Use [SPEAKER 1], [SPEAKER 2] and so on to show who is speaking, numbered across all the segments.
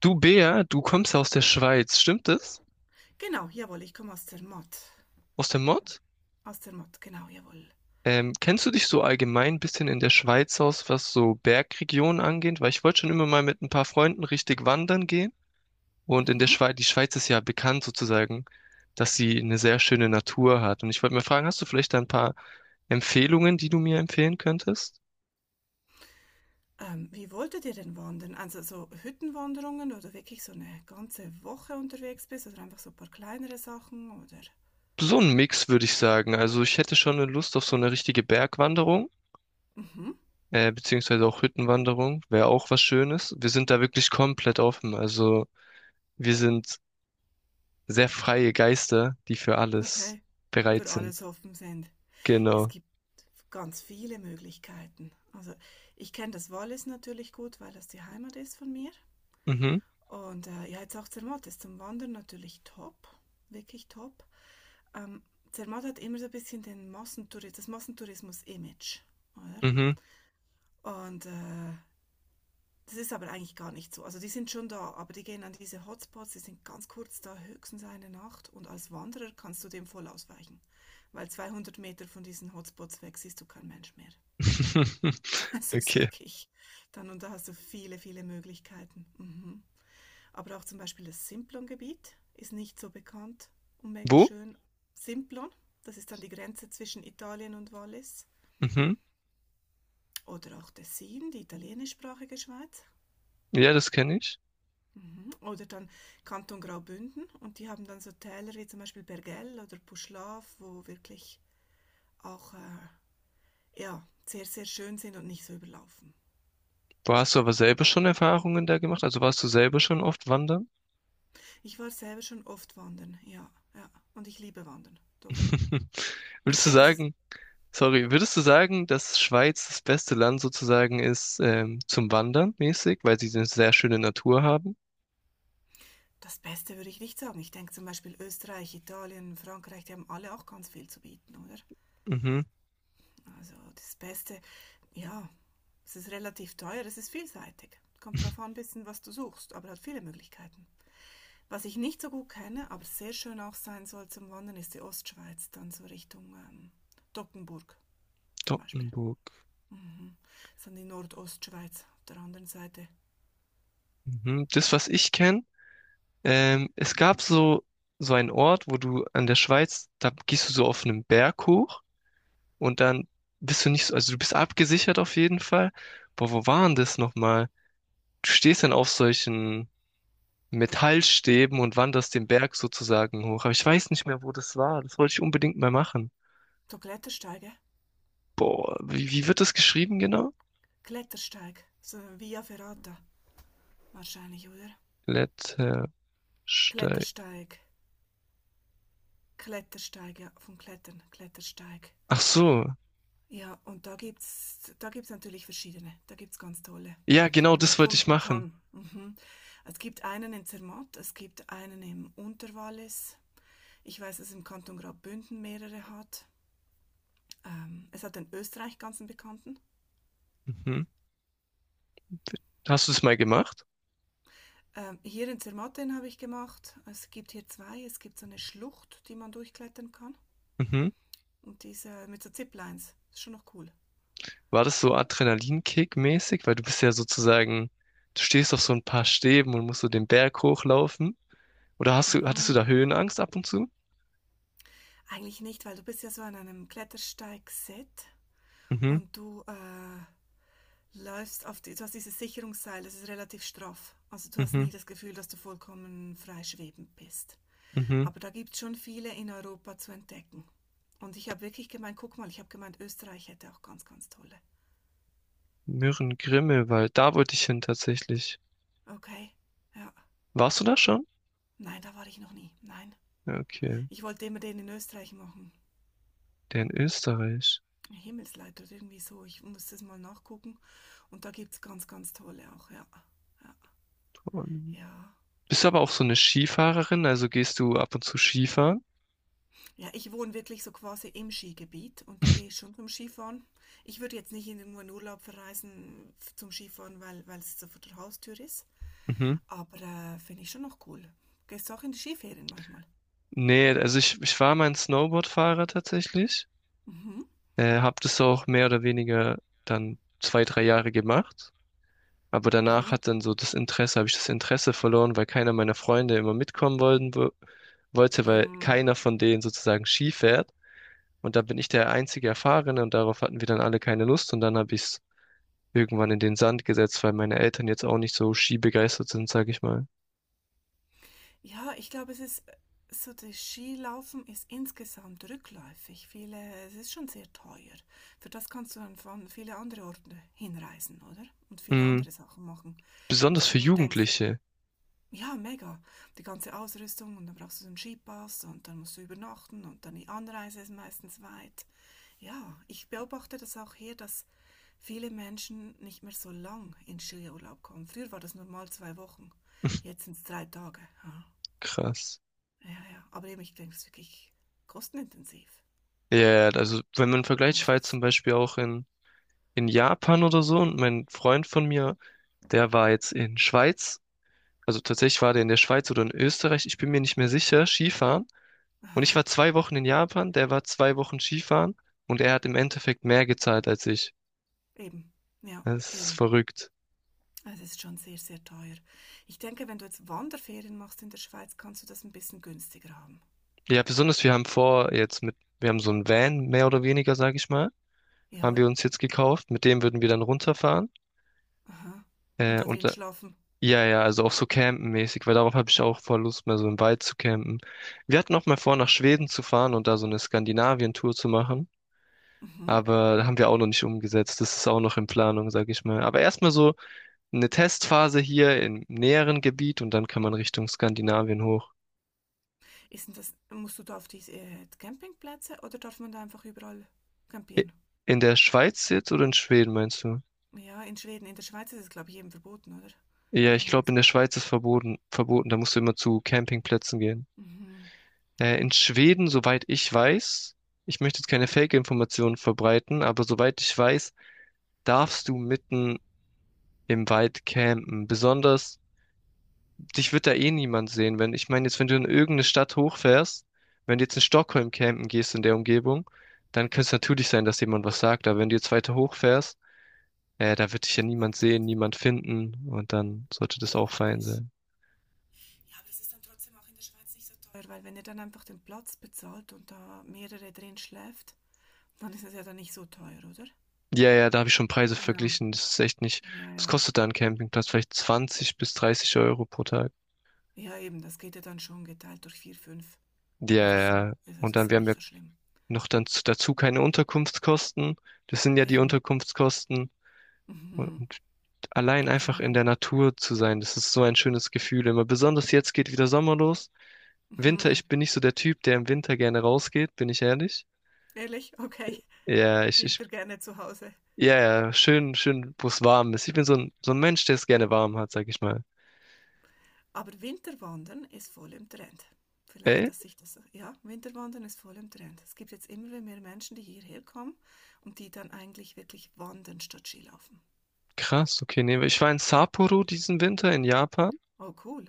[SPEAKER 1] Du Bea, du kommst ja aus der Schweiz, stimmt das?
[SPEAKER 2] Genau, jawohl, ich komme aus Zermatt.
[SPEAKER 1] Aus der Mod?
[SPEAKER 2] Aus Zermatt, genau, jawohl.
[SPEAKER 1] Kennst du dich so allgemein ein bisschen in der Schweiz aus, was so Bergregionen angeht? Weil ich wollte schon immer mal mit ein paar Freunden richtig wandern gehen. Und in der
[SPEAKER 2] Mhm.
[SPEAKER 1] Schweiz, die Schweiz ist ja bekannt sozusagen, dass sie eine sehr schöne Natur hat. Und ich wollte mal fragen, hast du vielleicht da ein paar Empfehlungen, die du mir empfehlen könntest?
[SPEAKER 2] Wie wolltet ihr denn wandern? Also so Hüttenwanderungen oder wirklich so eine ganze Woche unterwegs bist oder einfach so ein paar kleinere Sachen oder?
[SPEAKER 1] So ein Mix, würde ich sagen. Also ich hätte schon eine Lust auf so eine richtige Bergwanderung,
[SPEAKER 2] Mhm.
[SPEAKER 1] beziehungsweise auch Hüttenwanderung, wäre auch was Schönes. Wir sind da wirklich komplett offen. Also wir sind sehr freie Geister, die für alles
[SPEAKER 2] Okay.
[SPEAKER 1] bereit
[SPEAKER 2] Für alles
[SPEAKER 1] sind.
[SPEAKER 2] offen sind. Es
[SPEAKER 1] Genau.
[SPEAKER 2] gibt ganz viele Möglichkeiten. Also ich kenne das Wallis natürlich gut, weil das die Heimat ist von mir.
[SPEAKER 1] Mhm.
[SPEAKER 2] Und ja, jetzt auch Zermatt ist zum Wandern natürlich top, wirklich top. ähm, Zermatt hat immer so ein bisschen den Massentourismus, das Massentourismus-Image, oder?
[SPEAKER 1] Mhm.
[SPEAKER 2] Und das ist aber eigentlich gar nicht so. Also die sind schon da, aber die gehen an diese Hotspots, die sind ganz kurz da, höchstens eine Nacht. Und als Wanderer kannst du dem voll ausweichen, weil 200 Meter von diesen Hotspots weg siehst du kein Mensch mehr. Es ist
[SPEAKER 1] Okay.
[SPEAKER 2] wirklich dann und da hast du viele, viele Möglichkeiten. Mhm. Aber auch zum Beispiel das Simplon-Gebiet ist nicht so bekannt und mega
[SPEAKER 1] Wo?
[SPEAKER 2] schön. Simplon, das ist dann die Grenze zwischen Italien und Wallis.
[SPEAKER 1] Mhm.
[SPEAKER 2] Oder auch Tessin, die italienischsprachige Schweiz.
[SPEAKER 1] Ja, das kenne ich.
[SPEAKER 2] Mhm. Oder dann Kanton Graubünden und die haben dann so Täler wie zum Beispiel Bergell oder Puschlav, wo wirklich auch ja, sehr, sehr schön sind und nicht so überlaufen.
[SPEAKER 1] Wo hast du aber selber schon Erfahrungen da gemacht? Also warst du selber schon oft wandern?
[SPEAKER 2] Ich war selber schon oft wandern, ja, ja. Und ich liebe Wandern, doch. Und ich
[SPEAKER 1] Würdest du
[SPEAKER 2] denke, es ist.
[SPEAKER 1] sagen, Würdest du sagen, dass Schweiz das beste Land sozusagen ist, zum Wandern mäßig, weil sie eine sehr schöne Natur haben?
[SPEAKER 2] Das Beste würde ich nicht sagen. Ich denke zum Beispiel Österreich, Italien, Frankreich, die haben alle auch ganz viel zu bieten, oder?
[SPEAKER 1] Mhm.
[SPEAKER 2] Also das Beste, ja, es ist relativ teuer, es ist vielseitig. Kommt darauf an, ein bisschen, was du suchst, aber hat viele Möglichkeiten. Was ich nicht so gut kenne, aber sehr schön auch sein soll zum Wandern, ist die Ostschweiz, dann so Richtung Dockenburg zum Beispiel.
[SPEAKER 1] Doggenburg.
[SPEAKER 2] Mhm. Das ist dann die Nordostschweiz auf der anderen Seite.
[SPEAKER 1] Mhm. Das, was ich kenne. Es gab so einen Ort, wo du an der Schweiz, da gehst du so auf einen Berg hoch und dann bist du nicht so, also du bist abgesichert auf jeden Fall. Boah, wo war denn das nochmal? Du stehst dann auf solchen Metallstäben und wanderst den Berg sozusagen hoch. Aber ich weiß nicht mehr, wo das war. Das wollte ich unbedingt mal machen.
[SPEAKER 2] So Klettersteige,
[SPEAKER 1] Boah, wie wird das geschrieben genau?
[SPEAKER 2] Klettersteig, so Via Ferrata wahrscheinlich, oder?
[SPEAKER 1] Klettersteig.
[SPEAKER 2] Klettersteig, Klettersteig, ja, vom Klettern, Klettersteig.
[SPEAKER 1] Ach so.
[SPEAKER 2] Ja, und da gibt's natürlich verschiedene. Da gibt's ganz tolle,
[SPEAKER 1] Ja,
[SPEAKER 2] die
[SPEAKER 1] genau
[SPEAKER 2] man
[SPEAKER 1] das wollte ich
[SPEAKER 2] erkunden
[SPEAKER 1] machen.
[SPEAKER 2] kann. Mhm. Es gibt einen in Zermatt, es gibt einen im Unterwallis. Ich weiß, dass es im Kanton Graubünden mehrere hat. Es hat in Österreich ganz einen bekannten.
[SPEAKER 1] Mhm. Hast du es mal gemacht?
[SPEAKER 2] Hier in Zermatt den habe ich gemacht. Es gibt hier zwei. Es gibt so eine Schlucht, die man durchklettern kann.
[SPEAKER 1] Mhm.
[SPEAKER 2] Und diese mit so Ziplines. Ist schon noch cool.
[SPEAKER 1] War das so adrenalinkickmäßig? Weil du bist ja sozusagen, du stehst auf so ein paar Stäben und musst so den Berg hochlaufen. Oder hattest du
[SPEAKER 2] Mhm.
[SPEAKER 1] da Höhenangst ab und zu?
[SPEAKER 2] Eigentlich nicht, weil du bist ja so an einem Klettersteig-Set
[SPEAKER 1] Mhm,
[SPEAKER 2] und du läufst auf die, du hast dieses Sicherungsseil, das ist relativ straff. Also du hast
[SPEAKER 1] mhm,
[SPEAKER 2] nie das Gefühl, dass du vollkommen frei schwebend bist.
[SPEAKER 1] mhm.
[SPEAKER 2] Aber da gibt es schon viele in Europa zu entdecken. Und ich habe wirklich gemeint, guck mal, ich habe gemeint, Österreich hätte auch ganz, ganz tolle.
[SPEAKER 1] Mürren-Grimmelwald, da wollte ich hin tatsächlich.
[SPEAKER 2] Okay, ja.
[SPEAKER 1] Warst du da schon?
[SPEAKER 2] Nein, da war ich noch nie. Nein.
[SPEAKER 1] Ja, okay,
[SPEAKER 2] Ich wollte immer den in Österreich machen.
[SPEAKER 1] der in Österreich.
[SPEAKER 2] Himmelsleid oder irgendwie so. Ich muss das mal nachgucken. Und da gibt es ganz, ganz tolle auch, ja. Ja.
[SPEAKER 1] Und
[SPEAKER 2] Ja.
[SPEAKER 1] bist du aber auch so eine Skifahrerin? Also gehst du ab und zu Skifahren?
[SPEAKER 2] Ja, ich wohne wirklich so quasi im Skigebiet und da gehe ich schon zum Skifahren. Ich würde jetzt nicht irgendwo in irgendeinen Urlaub verreisen zum Skifahren, weil es so vor der Haustür ist.
[SPEAKER 1] Mhm.
[SPEAKER 2] Aber finde ich schon noch cool. Gehst du auch in die Skiferien manchmal?
[SPEAKER 1] Nee, also ich war mal ein Snowboardfahrer tatsächlich.
[SPEAKER 2] Mhm.
[SPEAKER 1] Hab das auch mehr oder weniger dann 2, 3 Jahre gemacht. Aber danach
[SPEAKER 2] Mhm.
[SPEAKER 1] hat dann so das Interesse, habe ich das Interesse verloren, weil keiner meiner Freunde immer mitkommen wollen, wollte, weil
[SPEAKER 2] Mm.
[SPEAKER 1] keiner von denen sozusagen Ski fährt. Und da bin ich der einzige Erfahrene und darauf hatten wir dann alle keine Lust und dann habe ich es irgendwann in den Sand gesetzt, weil meine Eltern jetzt auch nicht so skibegeistert sind, sage ich mal.
[SPEAKER 2] Ja, ich glaube, es ist so, das Skilaufen ist insgesamt rückläufig. Viele, es ist schon sehr teuer. Für das kannst du dann von viele andere Orte hinreisen, oder? Und viele
[SPEAKER 1] Mm,
[SPEAKER 2] andere Sachen machen. Wenn du
[SPEAKER 1] besonders für
[SPEAKER 2] schon nur denkst,
[SPEAKER 1] Jugendliche.
[SPEAKER 2] ja, mega. Die ganze Ausrüstung und dann brauchst du so einen Skipass und dann musst du übernachten und dann die Anreise ist meistens weit. Ja, ich beobachte das auch hier, dass viele Menschen nicht mehr so lang in Skiurlaub kommen. Früher war das normal 2 Wochen, jetzt sind es 3 Tage. Ja,
[SPEAKER 1] Krass.
[SPEAKER 2] ja, ja, aber eben, ich denke, es ist wirklich kostenintensiv.
[SPEAKER 1] Ja, ja, also wenn man vergleicht,
[SPEAKER 2] Ja,
[SPEAKER 1] ich
[SPEAKER 2] es
[SPEAKER 1] war jetzt zum
[SPEAKER 2] ist,
[SPEAKER 1] Beispiel auch in Japan oder so, und mein Freund von mir, der war jetzt in Schweiz. Also tatsächlich war der in der Schweiz oder in Österreich, ich bin mir nicht mehr sicher, Skifahren. Und
[SPEAKER 2] aha,
[SPEAKER 1] ich war 2 Wochen in Japan, der war 2 Wochen Skifahren und er hat im Endeffekt mehr gezahlt als ich.
[SPEAKER 2] eben, ja,
[SPEAKER 1] Das ist
[SPEAKER 2] eben.
[SPEAKER 1] verrückt.
[SPEAKER 2] Es ist schon sehr, sehr teuer. Ich denke, wenn du jetzt Wanderferien machst in der Schweiz, kannst du das ein bisschen günstiger haben.
[SPEAKER 1] Ja, besonders wir haben vor, wir haben so einen Van, mehr oder weniger, sag ich mal, haben
[SPEAKER 2] Jawohl.
[SPEAKER 1] wir uns jetzt gekauft. Mit dem würden wir dann runterfahren.
[SPEAKER 2] Aha. Und
[SPEAKER 1] Äh,
[SPEAKER 2] da
[SPEAKER 1] und
[SPEAKER 2] drin
[SPEAKER 1] äh,
[SPEAKER 2] schlafen.
[SPEAKER 1] ja, ja, also auch so campenmäßig, weil darauf habe ich auch voll Lust, mal so im Wald zu campen. Wir hatten auch mal vor, nach Schweden zu fahren und da so eine Skandinavien-Tour zu machen.
[SPEAKER 2] Mhm.
[SPEAKER 1] Aber haben wir auch noch nicht umgesetzt. Das ist auch noch in Planung, sage ich mal. Aber erstmal so eine Testphase hier im näheren Gebiet und dann kann man Richtung Skandinavien hoch.
[SPEAKER 2] Ist denn das, musst du da auf diese Campingplätze oder darf man da einfach überall
[SPEAKER 1] I-
[SPEAKER 2] campieren?
[SPEAKER 1] In der Schweiz jetzt oder in Schweden, meinst du?
[SPEAKER 2] Ja, in Schweden, in der Schweiz ist es, glaube ich, jedem verboten, oder?
[SPEAKER 1] Ja,
[SPEAKER 2] Die
[SPEAKER 1] ich
[SPEAKER 2] machen
[SPEAKER 1] glaube,
[SPEAKER 2] es.
[SPEAKER 1] in der Schweiz ist verboten, verboten. Da musst du immer zu Campingplätzen gehen.
[SPEAKER 2] Mhm.
[SPEAKER 1] In Schweden, soweit ich weiß, ich möchte jetzt keine Fake-Informationen verbreiten, aber soweit ich weiß, darfst du mitten im Wald campen. Besonders dich wird da eh niemand sehen, wenn, ich meine, jetzt, wenn du in irgendeine Stadt hochfährst, wenn du jetzt in Stockholm campen gehst in der Umgebung, dann könnte es natürlich sein, dass jemand was sagt, aber wenn du jetzt weiter hochfährst, da wird dich ja niemand sehen,
[SPEAKER 2] Weitläufig.
[SPEAKER 1] niemand finden, und dann sollte
[SPEAKER 2] Ja,
[SPEAKER 1] das auch fein
[SPEAKER 2] logisch.
[SPEAKER 1] sein.
[SPEAKER 2] Ja, aber es ist dann trotzdem auch in der Schweiz nicht so teuer. Weil wenn ihr dann einfach den Platz bezahlt und da mehrere drin schläft, dann ist es ja dann nicht so teuer, oder?
[SPEAKER 1] Ja, ja, da habe ich schon Preise
[SPEAKER 2] Genau.
[SPEAKER 1] verglichen. Das ist echt nicht.
[SPEAKER 2] Ja,
[SPEAKER 1] Was
[SPEAKER 2] ja.
[SPEAKER 1] kostet da ein Campingplatz? Vielleicht 20 bis 30 Euro pro Tag.
[SPEAKER 2] Ja, eben, das geht ja dann schon geteilt durch vier, fünf
[SPEAKER 1] Ja,
[SPEAKER 2] oder so.
[SPEAKER 1] ja, ja.
[SPEAKER 2] Also das
[SPEAKER 1] Und
[SPEAKER 2] ist
[SPEAKER 1] dann,
[SPEAKER 2] ja
[SPEAKER 1] wir haben
[SPEAKER 2] nicht
[SPEAKER 1] ja
[SPEAKER 2] so schlimm.
[SPEAKER 1] noch dann dazu keine Unterkunftskosten. Das sind ja die
[SPEAKER 2] Eben.
[SPEAKER 1] Unterkunftskosten.
[SPEAKER 2] Mhm.
[SPEAKER 1] Allein einfach in
[SPEAKER 2] Genau.
[SPEAKER 1] der Natur zu sein, das ist so ein schönes Gefühl immer. Besonders jetzt geht wieder Sommer los. Winter,
[SPEAKER 2] Mhm.
[SPEAKER 1] ich bin nicht so der Typ, der im Winter gerne rausgeht, bin ich ehrlich.
[SPEAKER 2] Ehrlich? Okay.
[SPEAKER 1] Ja,
[SPEAKER 2] Winter gerne zu Hause.
[SPEAKER 1] ja, ja, schön, schön, wo es warm ist. Ich bin so ein Mensch, der es gerne warm hat, sag ich mal.
[SPEAKER 2] Aber Winterwandern ist voll im Trend. Vielleicht,
[SPEAKER 1] Ey,
[SPEAKER 2] dass sich das. Ja, Winterwandern ist voll im Trend. Es gibt jetzt immer mehr Menschen, die hierher kommen und die dann eigentlich wirklich wandern statt Skilaufen.
[SPEAKER 1] krass, okay, nee, ich war in Sapporo diesen Winter in Japan.
[SPEAKER 2] Oh, cool.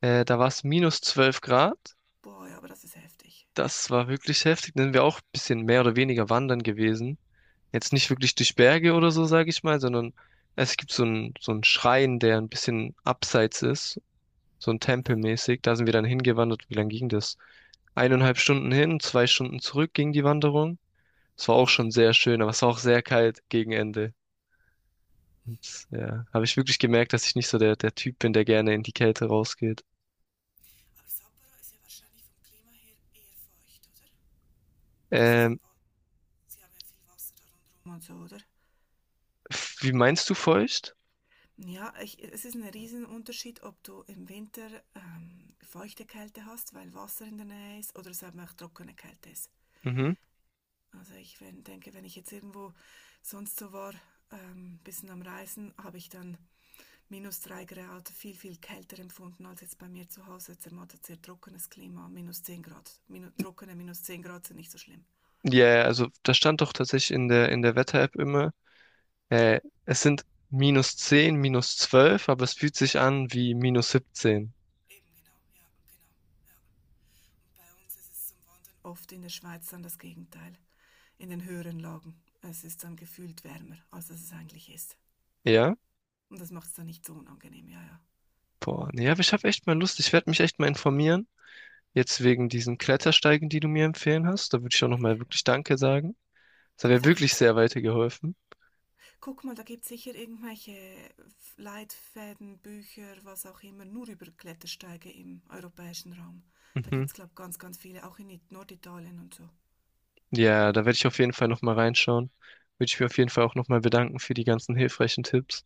[SPEAKER 1] Da war es -12 Grad.
[SPEAKER 2] Boah, ja, aber das ist heftig.
[SPEAKER 1] Das war wirklich heftig. Dann sind wir auch ein bisschen mehr oder weniger wandern gewesen. Jetzt nicht wirklich durch Berge oder so, sage ich mal, sondern es gibt so einen Schrein, der ein bisschen abseits ist, so ein Tempel mäßig. Da sind wir dann hingewandert. Wie lang ging das? 1,5 Stunden hin, 2 Stunden zurück ging die Wanderung. Es war auch schon sehr schön, aber es war auch sehr kalt gegen Ende. Und ja, habe ich wirklich gemerkt, dass ich nicht so der Typ bin, der gerne in die Kälte rausgeht.
[SPEAKER 2] Aber Sapporo ist ja wahrscheinlich vom Klima her eher feucht, oder? Das ist am
[SPEAKER 1] Ähm,
[SPEAKER 2] Wand. Sie haben ja viel Wasser da rundherum. Und so, oder?
[SPEAKER 1] Wie meinst du feucht?
[SPEAKER 2] Ja, ich, es ist ein Riesenunterschied, ob du im Winter feuchte Kälte hast, weil Wasser in der Nähe ist, oder es eben auch trockene Kälte ist.
[SPEAKER 1] Mhm.
[SPEAKER 2] Also ich wenn, denke, wenn ich jetzt irgendwo sonst so war, ein bisschen am Reisen, habe ich dann minus 3 Grad viel, viel kälter empfunden als jetzt bei mir zu Hause. Zermattet sehr trockenes Klima, minus 10 Grad. Trockene minus 10 Grad sind nicht so schlimm.
[SPEAKER 1] Ja, also das stand doch tatsächlich in der Wetter-App immer. Äh, Es sind -10, -12, aber es fühlt sich an wie -17.
[SPEAKER 2] Eben genau, ja, genau. Ja. Bei uns ist es zum Wandern oft in der Schweiz dann das Gegenteil. In den höheren Lagen. Es ist dann gefühlt wärmer, als es eigentlich ist.
[SPEAKER 1] Ja?
[SPEAKER 2] Und das macht es dann nicht so unangenehm, ja, ja.
[SPEAKER 1] Boah, nee, aber ich habe echt mal Lust. Ich werde mich echt mal informieren. Jetzt wegen diesen Klettersteigen, die du mir empfehlen hast. Da würde ich auch nochmal wirklich Danke sagen. Das hat
[SPEAKER 2] Ah,
[SPEAKER 1] mir
[SPEAKER 2] da
[SPEAKER 1] wirklich
[SPEAKER 2] gibt's,
[SPEAKER 1] sehr weitergeholfen.
[SPEAKER 2] guck mal, da gibt's sicher irgendwelche Leitfäden, Bücher, was auch immer, nur über Klettersteige im europäischen Raum. Da
[SPEAKER 1] Mhm.
[SPEAKER 2] gibt's, glaube ich, ganz, ganz viele, auch in Norditalien und so.
[SPEAKER 1] Ja, da werde ich auf jeden Fall nochmal reinschauen. Würde ich mir auf jeden Fall auch nochmal bedanken für die ganzen hilfreichen Tipps.